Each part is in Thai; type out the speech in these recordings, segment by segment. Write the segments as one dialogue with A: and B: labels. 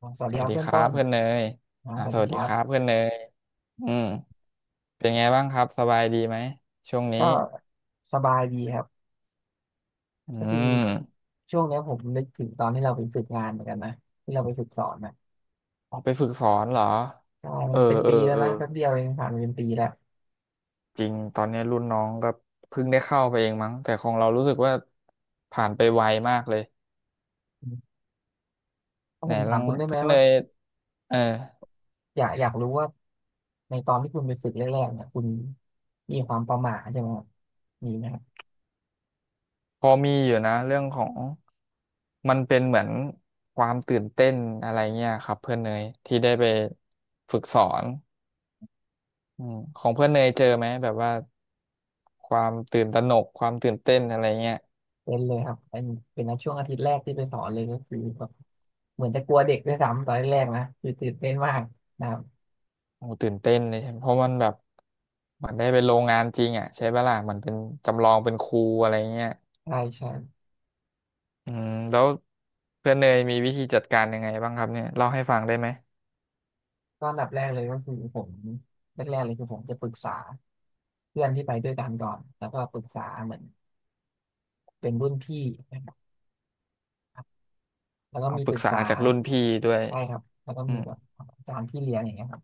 A: อ๋อสวัส
B: ส
A: ดี
B: วั
A: ค
B: ส
A: รับ
B: ดี
A: เพื่อ
B: ค
A: น
B: รั
A: ต้
B: บ
A: น
B: เพื่อนเนย
A: อ๋อสวั
B: ส
A: สดี
B: วัส
A: ค
B: ดี
A: รั
B: ครับ
A: บ
B: เพื่อนเนยอืมเป็นไงบ้างครับสบายดีไหมช่วงนี้
A: ก็สบายดีครับ
B: อื
A: ก็คือ
B: ม
A: ช่วงเนี้ยผมนึกถึงตอนที่เราไปฝึกงานเหมือนกันนะที่เราไปฝึกสอนนะ
B: ออกไปฝึกสอนเหรอ
A: ใช่
B: เอ
A: มั
B: อ
A: นเป็น
B: เออ
A: ปีแล้ว
B: เออ
A: นะแป๊บเดียวเองผ่านไปเป็นปีแล้ว
B: จริงตอนนี้รุ่นน้องก็เพิ่งได้เข้าไปเองมั้งแต่ของเรารู้สึกว่าผ่านไปไวมากเลย
A: อืมถ้า
B: ไหน
A: ผม
B: ล
A: ถา
B: อ
A: ม
B: ง
A: คุณได้ไหม
B: เพื่อนเน
A: ว่า
B: ยเออ
A: อยากรู้ว่าในตอนที่คุณไปฝึกแรกๆเนี่ยคุณมีความประหม่าใช่ไหมครับมีไหมครับ
B: พอมีอยู่นะเรื่องของมันเป็นเหมือนความตื่นเต้นอะไรเงี้ยครับเพื่อนเนยที่ได้ไปฝึกสอน ของเพื่อนเนยเจอไหมแบบว่าความตื่นตระหนกความตื่นเต้นอะไรเงี้ย
A: เป็นเลยครับเป็นนะช่วงอาทิตย์แรกที่ไปสอนเลยก็คือแบบเหมือนจะกลัวเด็กด้วยซ้ำตอนแรกๆนะคือตื่นเต้นมากนะครับ
B: โอ้ตื่นเต้นเลยใช่ไหมเพราะมันแบบเหมือนได้ไปโรงงานจริงอ่ะใช่ปะล่ะเหมือนเป็นจำลองเป็นครูอะไรเงี้ย
A: ใช่ใช่
B: แล้วเพื่อนเนยมีวิธีจัดการยังไงบ้างครับเนี่ยเล่าให้ฟังได้ไหม
A: ก็อันดับแรกเลยก็คือผมแรกๆเลยคือผมจะปรึกษาเพื่อนที่ไปด้วยกันก่อนแล้วก็ปรึกษาเหมือนเป็นรุ่นพี่นะครับแล้วก็
B: เอา
A: มี
B: ป
A: ป
B: รึก
A: รึก
B: ษา
A: ษา
B: จากรุ่นพี่ด้วย
A: ใช่ครับแล้วก็
B: อื
A: มี
B: ม
A: แบบอาจารย์พี่เลี้ยงอย่างเงี้ยครับ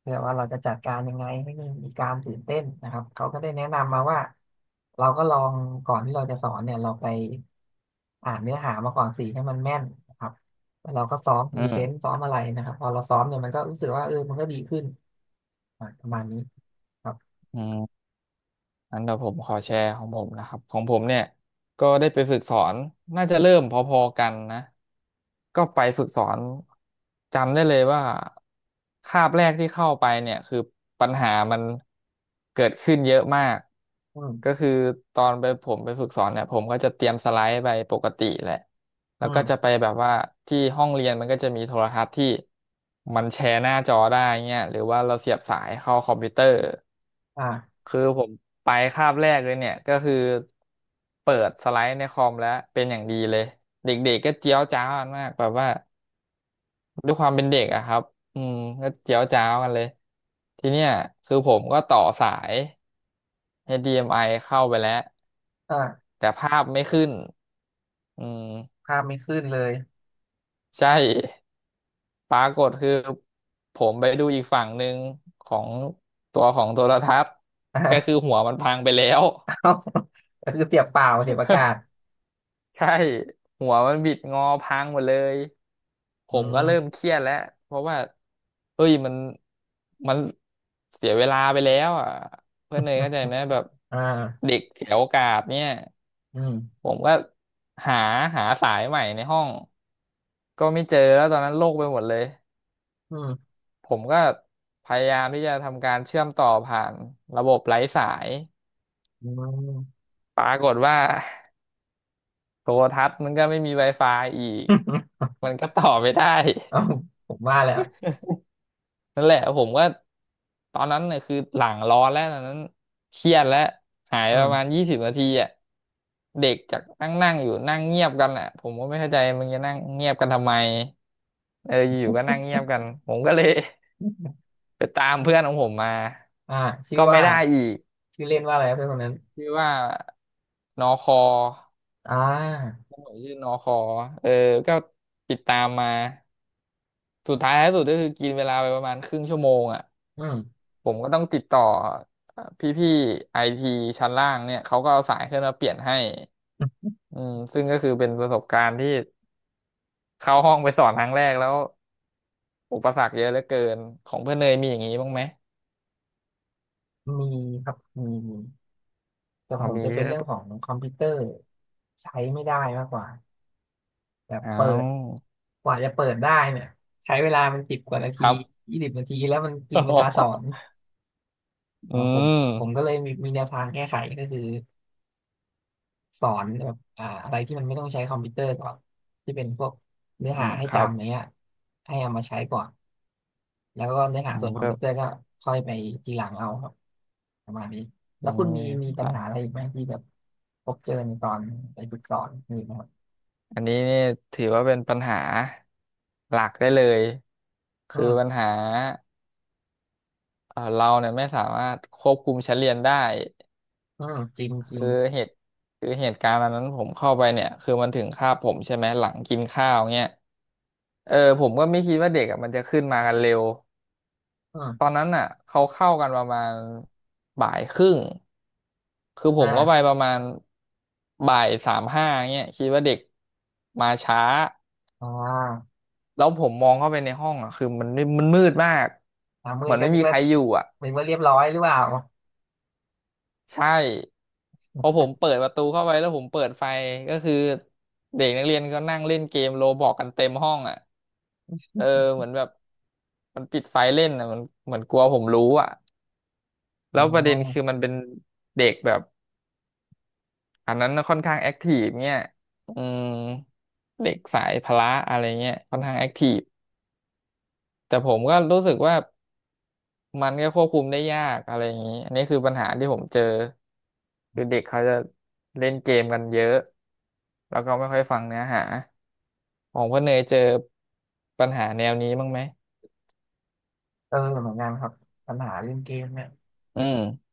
A: เพื่อว่าเราจะจัดการยังไงให้ไมมีการตื่นเต้นนะครับเขาก็ได้แนะนำมาว่าเราก็ลองก่อนที่เราจะสอนเนี่ยเราไปอ่านเนื้อหามาก่อนสิให้มันแม่นนะครับแล้วเราก็ซ้อมพ
B: อื
A: รีเซนต์
B: ม
A: ซ้อมอะไรนะครับพอเราซ้อมเนี่ยมันก็รู้สึกว่าเออมันก็ดีขึ้นอ่ะประมาณนี้ครับ
B: อืม งั้นเดี๋ยวผมขอแชร์ของผมนะครับของผมเนี่ยก็ได้ไปฝึกสอนน่าจะเริ่มพอๆกันนะก็ไปฝึกสอนจำได้เลยว่าคาบแรกที่เข้าไปเนี่ยคือปัญหามันเกิดขึ้นเยอะมาก
A: อื
B: ก็
A: ม
B: คือตอนไปผมไปฝึกสอนเนี่ยผมก็จะเตรียมสไลด์ไปปกติแหละแล้
A: อื
B: วก็จะ
A: ม
B: ไปแบบว่าที่ห้องเรียนมันก็จะมีโทรทัศน์ที่มันแชร์หน้าจอได้เงี้ยหรือว่าเราเสียบสายเข้าคอมพิวเตอร์
A: อ่า
B: คือผมไปคาบแรกเลยเนี่ยก็คือเปิดสไลด์ในคอมแล้วเป็นอย่างดีเลยเด็กๆก็เจียวจ้าวกันมากแบบว่าด้วยความเป็นเด็กอะครับอืมก็เจียวจ้าวกันเลยทีเนี้ยคือผมก็ต่อสาย้ d m i เอ็มไอเข้าไปแล้ว
A: อ่า
B: แต่ภาพไม่ขึ้นอืม
A: ภาพไม่ขึ้นเลย
B: ใช่ ปรากฏคือผมไปดูอีกฝั่งหนึ่งของตัวของโทรทัศน์ ก็คือ
A: อ่า
B: หัวมันพังไปแล้ว
A: เอาก็คือเสียบเปล่าเสียบอากาศ
B: ใช่หัวมันบิดงอพังหมดเลยผ
A: อื
B: มก็เริ่มเค
A: ม
B: รียดแล้วเพราะว่าเฮ้ยมันเสียเวลาไปแล้วอ่ะเพื่อ
A: อื
B: นเนย
A: ม
B: เข้าใจไหมแบบ
A: อ่า
B: เด็กเสียโอกาสเนี่ย
A: อืม
B: ผมก็หาหาสายใหม่ในห้องก็ไม่เจอแล้วตอนนั้นโล่งไปหมดเลย
A: อืม
B: ผมก็พยายามที่จะทำการเชื่อมต่อผ่านระบบไร้สาย
A: อืม
B: ปรากฏว่าโทรทัศน์มันก็ไม่มี Wi-Fi อีก มันก็ต่อไม่ได้
A: เอาผมว่าแล้ว
B: นั่นแหละผมก็ตอนนั้นเนี่ยคือหลังร้อนแล้วตอนนั้นเครียดแล้วหาย
A: อื
B: ประมาณ
A: ม
B: 20 นาทีอ่ะเด็กจากนั่งนั่งอยู่นั่งเงียบกันอ่ะผมก็ไม่เข้าใจมึงจะนั่งเงียบกันทำไมเอออยู่ๆก็นั่งเงียบกันผมก็เลย ไปตามเพื่อนของผมมา
A: อ่าชื่อ
B: ก็
A: ว่า
B: ไม่ได้อีก
A: ชื่อเล่นว่าอะไรครับเพื่อนคนนั้น
B: ชื่อว่านอคอ
A: อ่า
B: ผมชื่อนอคอเออก็ติดตามมาสุดท้ายท้ายสุดก็คือกินเวลาไปประมาณครึ่งชั่วโมงอ่ะ
A: อืม
B: ผมก็ต้องติดต่อพี่ๆไอทีชั้นล่างเนี่ยเขาก็เอาสายขึ้นมาเปลี่ยนให้อืมซึ่งก็คือเป็นประสบการณ์ที่เข้าห้องไปสอนครั้งแรกแล้วอุปสรรคเยอะเหลือเกินของเพื่อนเนยมีอย่างนี้บ้างไหม
A: มีครับมีแต่ขอ
B: เอา
A: งผม
B: มี
A: จะเป็
B: เย
A: น
B: อะ
A: เรื่องของคอมพิวเตอร์ใช้ไม่ได้มากกว่า แบบ
B: เอ
A: เปิด
B: า
A: กว่าจะเปิดได้เนี่ยใช้เวลามันสิบกว่านา
B: ค
A: ที
B: รับ
A: ยี่สิบนาทีแล้วมัน กิ
B: โอ้
A: นเว
B: โห
A: ลาสอน
B: อื
A: นะผมผมก็
B: ม
A: เลยมีแนวทางแก้ไขก็คือสอนแบบอ่าอะไรที่มันไม่ต้องใช้คอมพิวเตอร์ก่อนที่เป็นพวกเนื้อ
B: อื
A: หา
B: ม
A: ให้
B: ครับ
A: จำอย่างเงี้ยให้เอามาใช้ก่อนแล้วก็เนื้อหา
B: อื
A: ส่
B: ม
A: วนคอม
B: เพิ่
A: พิ
B: ม
A: วเตอร์ก็ค่อยไปทีหลังเอาครับประมาณนี้
B: อื
A: แล้วคุณ
B: ม
A: มี
B: ค
A: ปัญ
B: รั
A: หาอะ
B: บ
A: ไรอีกไหมที่แบบพบเจอในตอนไปฝึกสอนมีไหมครับ
B: อันนี้นี่ถือว่าเป็นปัญหาหลักได้เลย
A: อื
B: คือปัญ
A: ม
B: หาเราเนี่ยไม่สามารถควบคุมชั้นเรียนได้
A: อืมจริงจริ
B: คื
A: ง
B: อเหตุคือเหตุการณ์อันนั้นผมเข้าไปเนี่ยคือมันถึงคาบผมใช่ไหมหลังกินข้าวเงี้ยเออผมก็ไม่คิดว่าเด็กอะมันจะขึ้นมากันเร็ว
A: อื
B: ตอน
A: ม
B: นั้นอ่ะเขาเข้ากันประมาณบ่ายครึ่งคือ
A: อ
B: ผมก็ไปป
A: ่า
B: ระมาณบ่ายสามห้าเงี้ยคิดว่าเด็กมาช้า
A: อ่า
B: แล้วผมมองเข้าไปในห้องอ่ะคือมันไม่มันมืดมาก
A: มื
B: เหมื
A: ด
B: อน
A: ก็
B: ไม่
A: นึก
B: มีใค
A: ว่า
B: รอยู่อ่ะ
A: เรียบร้อยหรือเปล่า
B: ใช่ พอผมเปิดประตูเข้าไปแล้วผมเปิดไฟก็คือเด็กนักเรียนก็นั่งเล่นเกมโรบอกกันเต็มห้องอ่ะเออเหมือนแบบมันปิดไฟเล่นอ่ะมันเหมือนกลัวผมรู้อ่ะแล้
A: อ๋อ
B: วประเด็นคือมันเป็นเด็กแบบอันนั้นค่อนข้างแอคทีฟเนี่ยอืมเด็กสายพละอะไรเงี้ยค่อนข้างแอคทีฟแต่ผมก็รู้สึกว่า มันก็ควบคุมได้ยากอะไรอย่างนี้ อันนี้คือปัญหาที่ผมเจอคือเด็กเขาจะเล่นเกมกันเยอะแล้วก็ไม่ค่อยฟังเนื้อหาของพ่อเนยเจอปัญหาแนวนี้บ้างไหม
A: เออเหมือนกันครับปัญหาเล่นเกมเนี่ย
B: อืม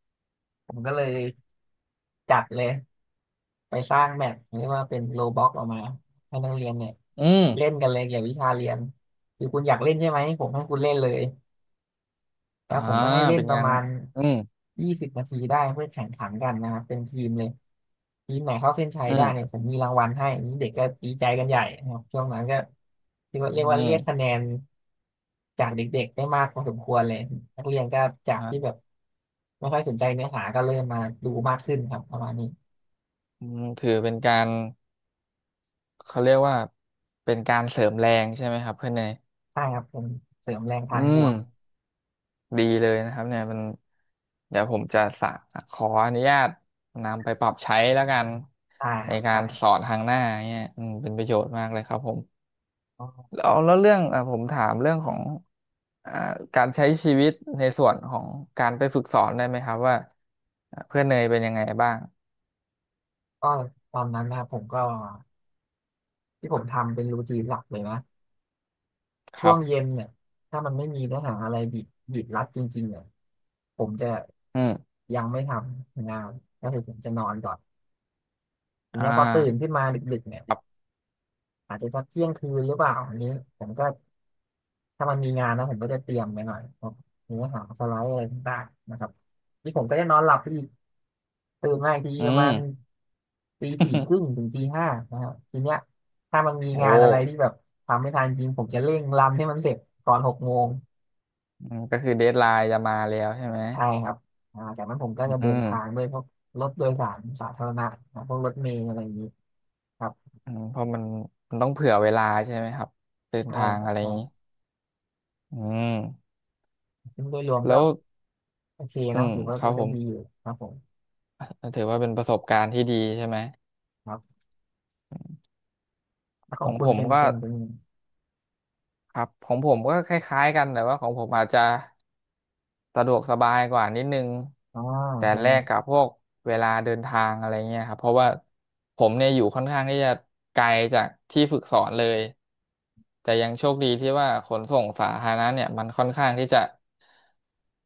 A: ผมก็เลยจัดเลยไปสร้างแมปเรียกว่าเป็นโลบ็อกออกมาให้นักเรียนเนี่ย
B: อืม
A: เล่นกันเลยเกี่ยวกับวิชาเรียนคือคุณอยากเล่นใช่ไหมผมให้คุณเล่นเลย แล้
B: อ่า
A: วผมก็ให้เล่น
B: เป็น
A: ประ
B: งาน
A: มาณ
B: อืม
A: ยี่สิบนาทีได้เพื่อแข่งขันกันนะครับเป็นทีมเลยทีมไหนเข้าเส้นชัย
B: อื
A: ได้
B: ม
A: เนี่ยผมมีรางวัลให้นี่เด็กก็ดีใจกันใหญ่นะครับช่วงนั้นก็เรียก
B: อื
A: ว่าเรียกว่าเรียกคะ
B: ม
A: แนนจากเด็กๆได้มากพอสมควรเลยนักเรียนก็จาก
B: อ่
A: ที่แบ
B: า
A: บไม่ค่อยสนใจเนื้อหาก็เริ่มมาดูมากขึ้นครับประมาณนี้
B: อืมถือเป็นการเขาเรียกว่าเป็นการเสริมแรงใช่ไหมครับเพื่อนเนย
A: ใช่ครับเสริมแรง
B: อื
A: ทางบ
B: ม
A: วก
B: ดีเลยนะครับเนี่ยมันเดี๋ยวผมจะสะขออนุญาตนำไปปรับใช้แล้วกัน
A: ใช่ค
B: ใน
A: รับ
B: กา
A: ใช่
B: ร
A: ครั
B: สอ
A: บ
B: นทางหน้าเนี่ยเป็นประโยชน์มากเลยครับผมแล้วเรื่องอ่ะผมถามเรื่องของอ่าการใช้ชีวิตในส่วนของการไปฝึกสอนได้ไหมครับว่าอ่ะเพื่อนเนยเป็นยังไงบ้าง
A: ก็ตอนนั้นนะครับผมก็ที่ผมทำเป็นรูทีนหลักเลยนะ
B: ค
A: ช่
B: รั
A: วงเย็
B: บ
A: นเนี่ยถ้ามันไม่มีเนื้อหาอะไรบีบรัดจริงๆเนี่ยผมจะ
B: อืม
A: ยังไม่ทำงานก็คือผมจะนอนก่อนที
B: อ่
A: เนี้ยพอตื่น
B: า
A: ขึ้นมาดึกๆเนี่ย
B: ครับ
A: อาจจะสักเที่ยงคืนหรือเปล่าอันนี้ผมก็ถ้ามันมีงานนะผมก็จะเตรียมไปหน่อยพวกเนื้อหาสไลด์อะไรต่างๆนะครับนี่ผมก็จะนอนหลับไปอีกตื่นมาอีกที
B: อื
A: ประมา
B: ม
A: ณตีสี่ครึ่ง ถึงตีห้านะครับทีเนี้ยถ้ามันมี
B: โอ้
A: งานอะไรที่แบบทำไม่ทันจริงผมจะเร่งรันให้มันเสร็จก่อนหกโมง
B: อืมก็คือเดดไลน์จะมาแล้วใช่ไหม
A: ใช่ครับอ่าจากนั้นผมก็จะ
B: อื
A: เดิน
B: ม
A: ทางด้วยพวกรถโดยสารสาธารณะนะพวกรถเมล์อะไรอย่างนี้ครับ
B: เพราะมันต้องเผื่อเวลาใช่ไหมครับเดิน
A: ใช่
B: ทาง
A: ครับ
B: อะไรอ
A: ใช่
B: ย่างนี้อืม
A: ซึ่งโดยรวม
B: แล้
A: ก็
B: ว
A: โอเค
B: อื
A: นะ
B: ม
A: ถือว่า
B: ครั
A: ก็
B: บผ
A: ก็
B: ม
A: ดีอยู่ครับผม
B: ถือว่าเป็นประสบการณ์ที่ดีใช่ไหม
A: ครับแล้วข
B: ข
A: อง
B: อง
A: คุ
B: ผ
A: ณ
B: ม
A: เป็น
B: ก็
A: เป็นเป็น
B: ครับของผมก็คล้ายๆกันแต่ว่าของผมอาจจะ สะดวกสบายกว่านิดนึง
A: อ่า
B: แต่
A: เป็น
B: แล
A: ไง
B: กกับพวกเวลาเดินทางอะไรเงี้ยครับเพราะว่าผมเนี่ยอยู่ค่อนข้างที่จะไกลจากที่ฝึกสอนเลยแต่ยังโชคดีที่ว่าขนส่งสาธารณะเนี่ยมันค่อนข้างที่จะ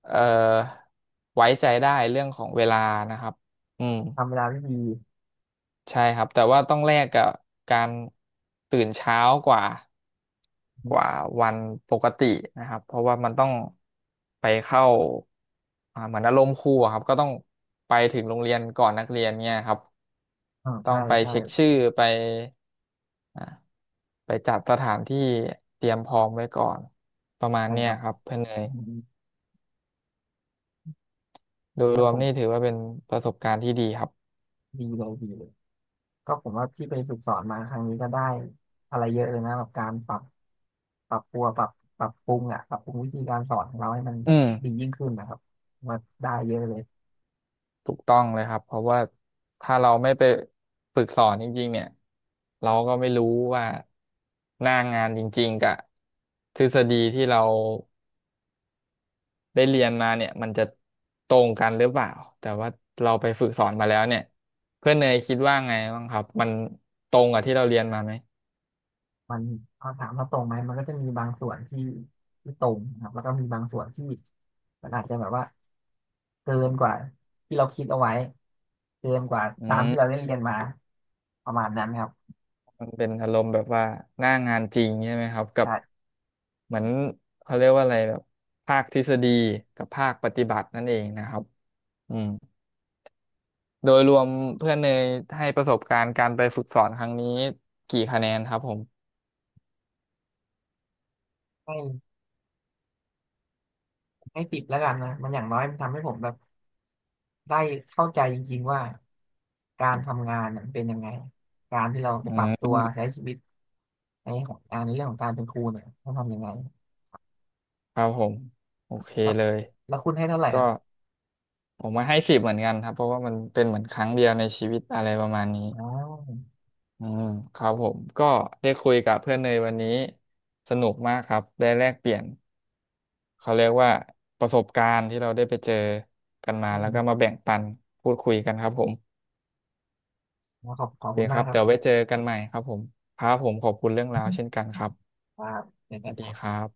B: เอ่อไว้ใจได้เรื่องของเวลานะครับอืม
A: ทำเวลาได้ดี
B: ใช่ครับแต่ว่าต้องแลกกับการตื่นเช้ากว่ากว่าวันปกตินะครับเพราะว่ามันต้องไปเข้าเหมือนอารมณ์ครูอะครับก็ต้องไปถึงโรงเรียนก่อนนักเรียนเนี่ยครับ
A: อ่า
B: ต้อ
A: ใช่
B: งไป
A: ใช่
B: เช็คชื่อไปอ่าไปจัดสถานที่เตรียมพร้อมไว้ก่อนประมาณ
A: ใช่
B: เนี้
A: ค
B: ย
A: รับ
B: ครับเพื่อนเนย
A: อืม
B: โดย
A: แล้
B: ร
A: ว
B: ว
A: ผ
B: ม
A: ม
B: นี่ถือว่าเป็นประสบการณ์ที่ดีครับ
A: ดีเลยดีเลย ก็ผมว่าที่ไปฝึกสอนมาครั้งนี้ก็ได้อะไรเยอะเลยนะกับการปรับปรัวปรับปรับปรุงวิธีการสอนของเราให้มัน
B: อืม
A: ดียิ่งขึ้นนะครับผมว่าได้เยอะเลย
B: ถูกต้องเลยครับเพราะว่าถ้าเราไม่ไปฝึกสอนจริงๆเนี่ยเราก็ไม่รู้ว่าหน้างานจริงๆกับทฤษฎีที่เราได้เรียนมาเนี่ยมันจะตรงกันหรือเปล่าแต่ว่าเราไปฝึกสอนมาแล้วเนี่ยเพื่อนเนยคิดว่าไงบ้างครับมันตรงกับที่เราเรียนมาไหม
A: มันเอาถามว่าตรงไหมมันก็จะมีบางส่วนที่ตรงนะครับแล้วก็มีบางส่วนที่มันอาจจะแบบว่าเกินกว่าที่เราคิดเอาไว้เกินกว่า
B: อื
A: ตามที่เรา
B: ม
A: ได้เรียนมาประมาณนั้นครับ
B: มันเป็นอารมณ์แบบว่าหน้างานจริงใช่ไหมครับกับ
A: ใช่
B: เหมือนเขาเรียกว่าอะไรแบบภาคทฤษฎีกับภาคปฏิบัตินั่นเองนะครับอืม โดยรวมเพื่อนเนยให้ประสบการณ์การไปฝึกสอนครั้งนี้กี่คะแนนครับผม
A: ให้ให้ติดแล้วกันนะมันอย่างน้อยมันทำให้ผมแบบ ได้เข้าใจจริงๆว่าการทำงานเนี่ยมันเป็นยังไง การที่เราจะ
B: อื
A: ปรับตัวใช้
B: ม
A: ชีวิตในของงานในเรื่องของการเป็นครูเนี่ยต้องทำยังไง
B: ครับผมโอเค
A: ครับ
B: เลย
A: แล้วคุณให้เท่าไหร่
B: ก็
A: ครับ
B: ผมมาให้10เหมือนกันครับเพราะว่ามันเป็นเหมือนครั้งเดียวในชีวิตอะไรประมาณนี้
A: อ๋อ
B: อืมครับผมก็ได้คุยกับเพื่อนเนยวันนี้สนุกมากครับได้แลกเปลี่ยนเขาเรียกว่าประสบการณ์ที่เราได้ไปเจอกันมา
A: อื
B: แล้ว
A: ม
B: ก็มาแบ่งปันพูดคุยกันครับผม
A: ขอบข
B: โอ
A: อบ
B: เค
A: คุณ
B: ค
A: มาก
B: รับ
A: ครับ
B: เดี๋ยวไว้เจอกันใหม่ครับผมครับผมขอบคุณเรื่องราวเช่นกันครับ
A: ครับเจอ
B: ส
A: กั
B: วั
A: น
B: ส
A: ค
B: ดี
A: รั
B: ค
A: บ
B: รับ